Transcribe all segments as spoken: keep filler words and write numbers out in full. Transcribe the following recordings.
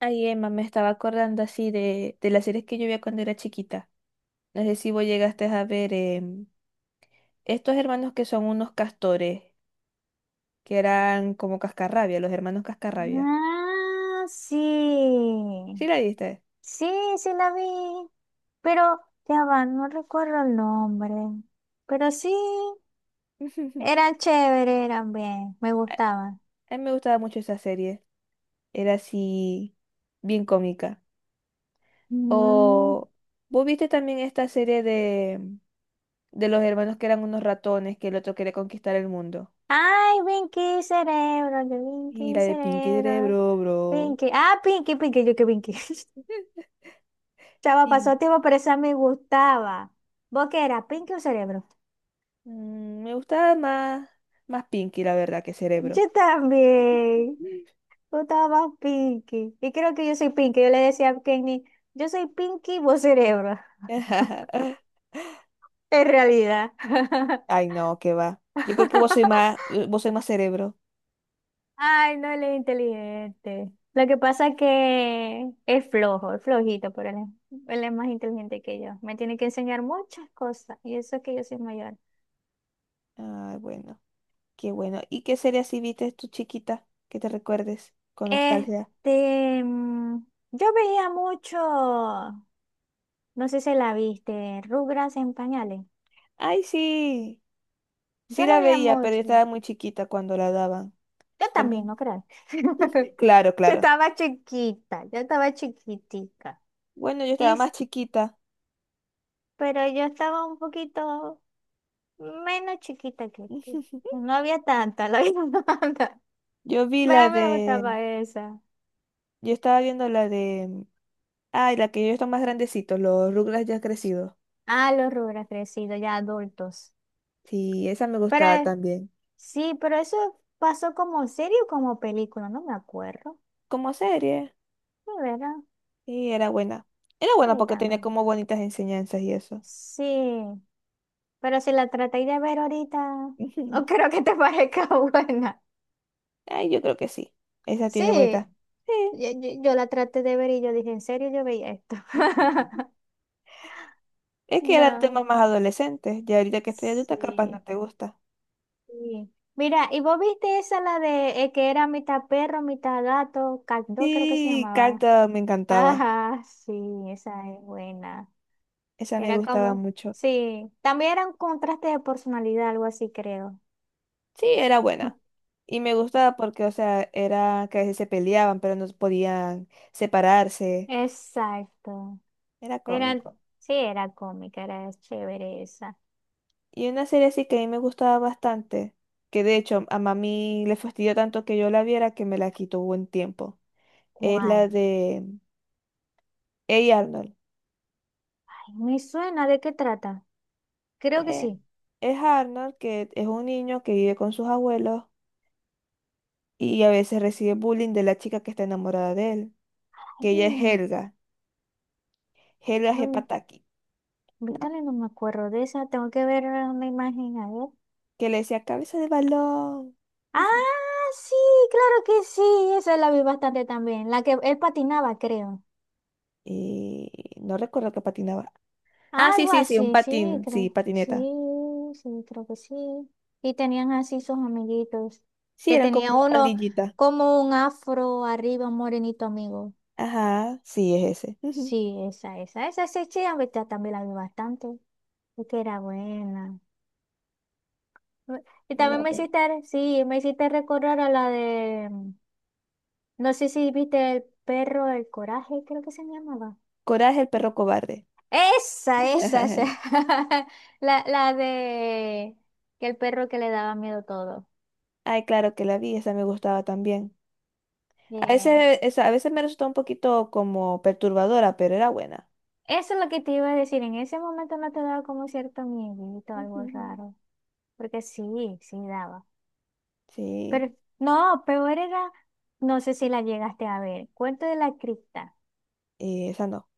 Ay, Emma, me estaba acordando así de, de las series que yo veía cuando era chiquita. No sé si vos llegaste a ver em, estos hermanos que son unos castores, que eran como cascarrabia, los hermanos cascarrabia. Ah, sí. ¿Sí la viste? Sí, sí la vi. Pero, ya va, no recuerdo el nombre. Pero sí, eran chéveres, eran bien, me A gustaban. a mí me gustaba mucho esa serie. Era así, bien cómica. Mm. O vos viste también esta serie de, de los hermanos que eran unos ratones, que el otro quería conquistar el mundo. Ay, Pinky Cerebro, que Y la Pinky de Pinky Cerebro. Cerebro, bro. Pinky. Ah, Pinky, Pinky, yo que Pinky. Chava, pasó tiempo, pero esa me gustaba. ¿Vos qué era? ¿Pinky o Cerebro? Mm, me gustaba más, más Pinky, la verdad, que Cerebro. Yo también. Tú estabas Pinky. Y creo que yo soy Pinky. Yo le decía a Kenny, yo soy Pinky, vos cerebro. En realidad. Ay, no, qué va. Yo creo que vos soy más, eh, vos soy más cerebro. Ay, no, él es inteligente. Lo que pasa es que es flojo, es flojito, pero él es, él es más inteligente que yo. Me tiene que enseñar muchas cosas. Y eso es que yo soy mayor. Ay, bueno, qué bueno. ¿Y qué serie así viste tu chiquita que te recuerdes con nostalgia? Este, mm, yo veía mucho, no sé si la viste, Rugras en pañales. Ay, sí, sí Yo la la veía veía, pero yo mucho. estaba muy chiquita cuando la daban. Yo también, También, no crean. claro, Yo claro. estaba chiquita, yo estaba chiquitica. Bueno, yo Y, estaba más s- chiquita. pero yo estaba un poquito menos chiquita que tú. No había tanta, la había tanta. Yo vi Pero la a mí de, me gustaba esa. yo estaba viendo la de, ay, la que yo estaba más grandecito, los Rugrats ya crecidos. Ah, los rubros crecidos, ya adultos. Sí, esa me Pero gustaba eh, también. sí, pero eso pasó como serie o como película, no me acuerdo. Como serie. De verdad, Y era buena. Era buena sí, porque tenía también. como bonitas enseñanzas y eso. Sí, pero si la traté de ver ahorita, no creo que te parezca buena. Ay, yo creo que sí. Esa tiene Sí, bonitas. Sí. yo, yo- yo la traté de ver y yo dije, ¿en serio yo veía esto? Es que eran No, temas más adolescentes. Ya ahorita que estoy adulta, capaz no sí, te gusta. sí. Mira, ¿y vos viste esa la de eh, que era mitad perro, mitad gato? Caldo creo que se Sí, llamaba. Carta me encantaba. Ajá, sí, esa es buena. Esa me Era gustaba como, mucho. sí, también era un contraste de personalidad, algo así creo. Sí, era buena. Y me gustaba porque, o sea, era que a veces se peleaban, pero no podían separarse. Exacto. Era Era, cómico. sí, era cómica, era chévere esa. Y una serie así que a mí me gustaba bastante, que de hecho a mami le fastidió tanto que yo la viera que me la quitó buen tiempo. Es la ¿Cuál? de Hey Arnold. Ay, me suena, ¿de qué trata? Creo que Eh, sí. es Arnold, que es un niño que vive con sus abuelos y a veces recibe bullying de la chica que está enamorada de él, Ay, que ella es Helga, Helga no, Hepataki, ¿no? Vitaly, no me acuerdo de esa. Tengo que ver una imagen, a ver. Que le decía cabeza de balón. Ah, sí, claro que sí. Esa la vi bastante también. La que él patinaba, creo. Y no recuerdo que patinaba. Ah, sí, Algo sí, sí, un así, sí, patín, sí, creo. Sí, patineta. sí, creo que sí. Y tenían así sus amiguitos. Sí, Que eran como tenía una uno pandillita. como un afro arriba, un morenito amigo. Ajá, sí, es ese. Ujú. Sí, esa, esa. Esa sí, sí, aunque esta también la vi bastante. Es que era buena. Me- Y Era también me bueno. hiciste, sí, me hiciste recordar a la de. No sé si viste el perro del coraje, creo que se llamaba. Coraje, el perro cobarde. Esa, esa, esa. La, la de que el perro que le daba miedo todo. Ay, claro que la vi, esa me gustaba también. A Bien. veces, esa- a veces me resultó un poquito como perturbadora, pero era buena. Eso es lo que te iba a decir. En ese momento no te daba como cierto miedito, algo Ujú. raro. Porque sí, sí daba. Pero Sí, no, peor era, no sé si la llegaste a ver. Cuento de la cripta. y esa no.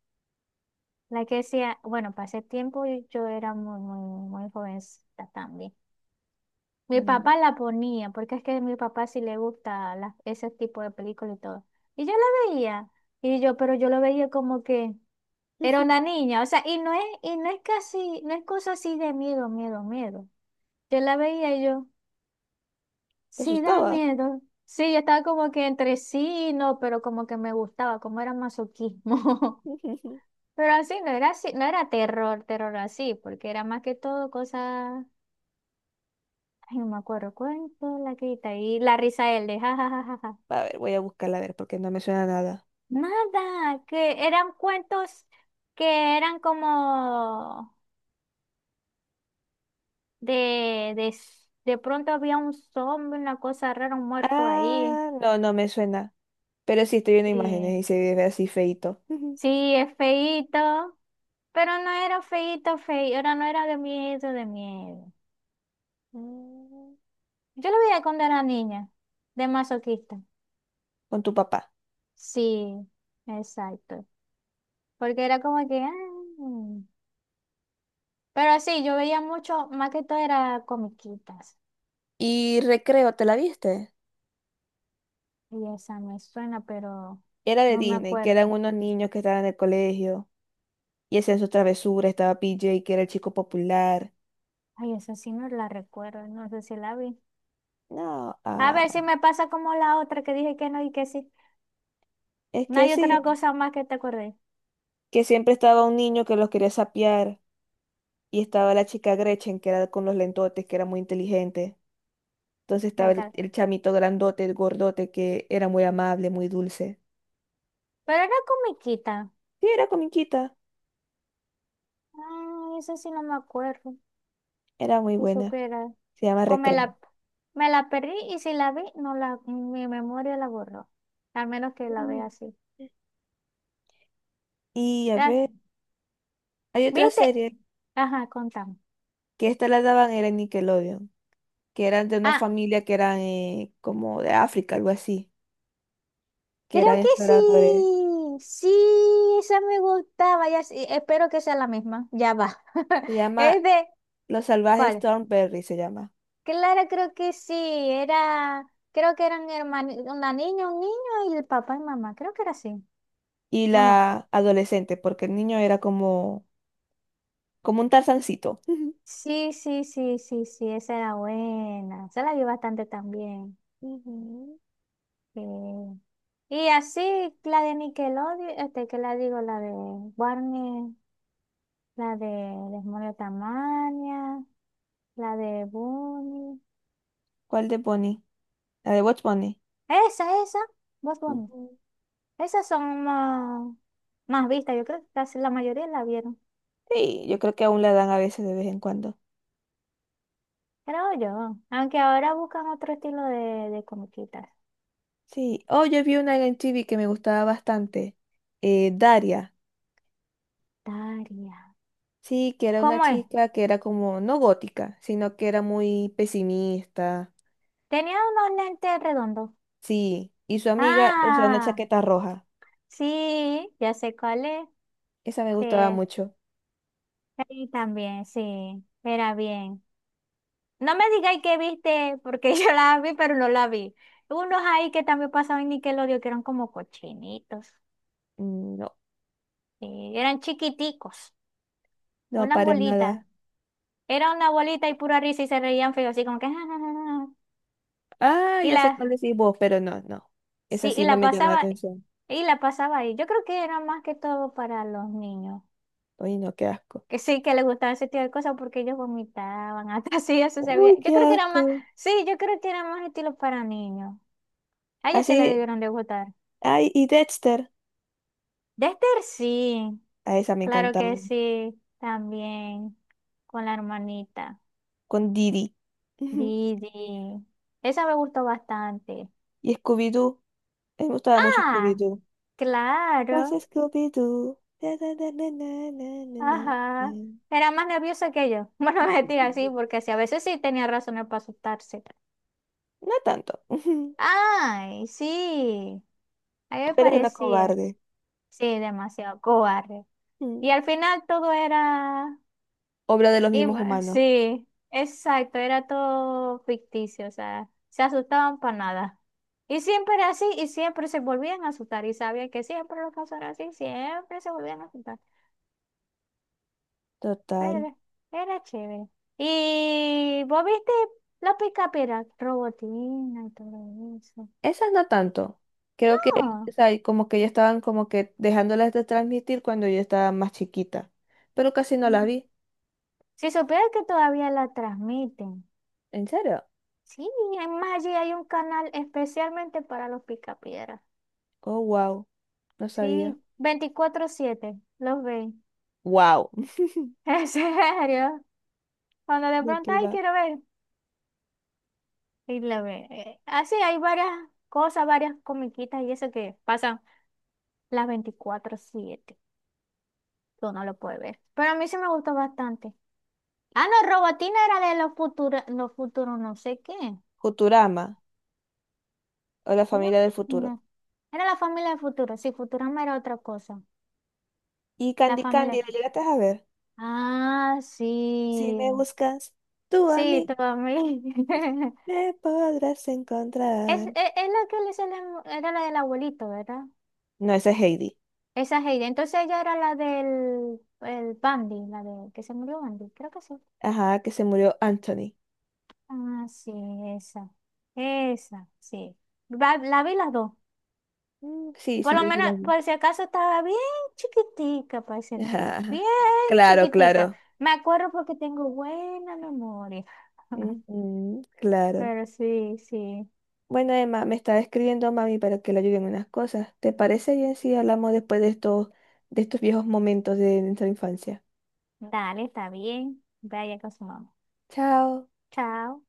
La que decía, bueno, pasé tiempo y yo era muy, muy, muy jovencita también. Mi Mm. papá la ponía, porque es que a mi papá sí le gusta la- ese tipo de películas y todo. Y yo la veía, y yo, pero yo lo veía como que era Ujú. una niña, o sea, y no es, y no es casi, no es cosa así de miedo, miedo, miedo. Yo la veía y yo, ¿Te sí da asustaba? miedo. Sí, yo estaba como que entre sí y no, pero como que me gustaba, como era masoquismo. Ujú. Pero así no era así, no era terror, terror así, porque era más que todo cosas, ay, no me acuerdo, cuento, la quita y la risa él de jajajaja. A ver, voy a buscarla a ver porque no me suena nada. Nada, que eran cuentos que eran como de, de, s- de pronto había un zombie, una cosa rara, un muerto ahí. Ah, no, no me suena. Pero sí estoy viendo Sí, imágenes y se ve así feito. Ujú. sí, es feíto, pero no era feíto, feíto, era, no era de miedo, de miedo. Mm. Yo lo veía cuando era niña, de masoquista. Con tu papá. Sí, exacto. Porque era como que, ah, pero sí, yo veía mucho, más que todo era comiquitas. Y recreo, ¿te la viste? Y esa me suena, pero Era de no me Disney, que eran acuerdo. unos niños que estaban en el colegio y hacían sus travesuras. Estaba P J, que era el chico popular. Ay, esa sí no la recuerdo, no sé si la vi. No, A ver ah, si me pasa como la otra que dije que no y que sí. es No que hay otra sí, cosa más que te acordé. que siempre estaba un niño que los quería sapear y estaba la chica Gretchen, que era con los lentotes, que era muy inteligente. Entonces estaba el, Exacto. el chamito grandote, el gordote, que era muy amable, muy dulce. Pero era comiquita. Sí, era comiquita, Ay, esa sí no me acuerdo. era muy Si buena. supiera. Se llama O me Recreo. la, me la perdí y si la vi, no la, mi memoria la borró. Al menos que la vea Mm. así. Y a Ya, ver, hay otra ¿viste? serie Ajá, contame. que esta la daban era en Nickelodeon, que eran de una Ah, familia que eran eh, como de África, algo así, que creo eran que exploradores. sí, sí, esa me gustaba, ya sí, espero que sea la misma, ya va. Se llama Es de, Los Salvajes ¿cuál? Thornberry, se llama. Clara, creo que sí, era, creo que eran hermanos, una niña, un niño y el papá y mamá, creo que era así, Y ¿o no? la adolescente, porque el niño era como, como un tarzancito. Sí, sí, sí, sí, sí, esa era buena, esa la vi bastante también. Ujú. Sí. Y así, la de Nickelodeon, este, que la digo, la de Warner, la de Demonios Tamaña, la de Bunny. ¿Cuál de Bonnie? La de Watch Bunny. Esa, esa, Bad Bunny. Ujú. Esas son más, más vistas. Yo creo que casi la mayoría la vieron. Sí, yo creo que aún la dan a veces de vez en cuando. Creo yo. Aunque ahora buscan otro estilo de, de comiquitas. Sí. Oh, yo vi una en T V que me gustaba bastante. eh, Daria. Daria. Sí, que era una ¿Cómo es? chica que era como, no gótica, sino que era muy pesimista. Tenía unos lentes redondos. Sí, y su amiga usa una Ah, chaqueta roja. sí, ya sé cuál es. Esa me gustaba Sí, mucho. sí, también, sí. Era bien. No me digáis que viste, porque yo la vi, pero no la vi. Unos ahí que también pasaban en Nickelodeon, que eran como cochinitos. Mm, no, Sí, eran chiquiticos. no, Unas para bolitas. nada. Era una bolita y pura risa y se reían feo, así como que... Ah, Y ya sé la, cuál decís vos, pero no, no. Esa sí, y sí no la me llama la pasaba, atención. y la pasaba ahí. Yo creo que era más que todo para los niños, Uy, no, qué asco. que sí que les gustaba ese tipo de cosas porque ellos vomitaban, hasta así eso se veía. Uy, Yo qué creo que era asco. más, sí, yo creo que era más estilo para niños. A ellos se les Así, debieron de gustar. ay, y Dexter. Dexter sí, A esa me claro encantaba. que sí, también, con la hermanita. Con Didi. Ujú. Didi. Esa me gustó bastante. Y Scooby-Doo. A mí me gustaba mucho ¡Ah! Scooby-Doo. Pasa Claro, Scooby-Doo. Na, na, na, na, na, na, na, na, na. ajá. Era más nerviosa que yo. Bueno, no, mentira, sí, porque sí, a veces sí tenía razones para asustarse. No tanto. Ujú, Ay, sí, a mí me pero es una parecía. cobarde. Sí, demasiado cobarde. Y Mm. al final todo era... Obra de los im- mismos humanos. Sí, exacto, era todo ficticio, o sea, se asustaban para nada. Y siempre era así, y siempre se volvían a asustar, y sabían que siempre lo pasara así, siempre se volvían a asustar. Total. Era, era chévere. ¿Y vos viste la picapera? Robotina y todo eso. Esas no tanto. Creo que, o sea, como que ya estaban como que dejándolas de transmitir cuando yo estaba más chiquita. Pero casi no las No. vi. Si supieras que todavía la transmiten. ¿En serio? Sí, además allí hay un canal especialmente para los picapiedras. Oh, wow. No sabía. Sí, veinticuatro siete los ven. Wow. En serio. Cuando de ¿De pronto, qué ay, va? quiero ver. Y la ven. Eh, Así hay varias cosas, varias comiquitas y eso que pasan las veinticuatro siete. Tú no lo puedes ver. Pero a mí sí me gustó bastante. Ah, no, Robotina era de los futuros, los futuros no sé qué. Futurama o la Era, familia del futuro. no. Era la familia del futuro. Sí, Futurama era otra cosa. Y La Candy Candy, familia. ¿la llegaste a ver? Ah, Si me sí. buscas, tú a Sí, mí tu familia. me podrás Es, encontrar. es, es la que le sale- era la del abuelito, ¿verdad? No, esa es Heidi. Esa Heidi. Entonces ella era la del el Bandy, la de que se murió Bandy. Creo que sí. Ajá, que se murió Anthony. Ah, sí, esa. Esa, sí. Va- La, vi las dos. Mm, sí, Por sí, lo yo sí menos, la vi. por si acaso estaba bien chiquitica para ese Ajá, entonces, bien ajá. Claro, chiquitica. claro. Me acuerdo porque tengo buena memoria. Ujú, claro. Pero sí, sí. Bueno, Emma, me está escribiendo mami para que le ayude en unas cosas. ¿Te parece bien si hablamos después de estos, de estos viejos momentos de nuestra infancia? Dale, está bien. Vaya con su mamá. Chao. Chao.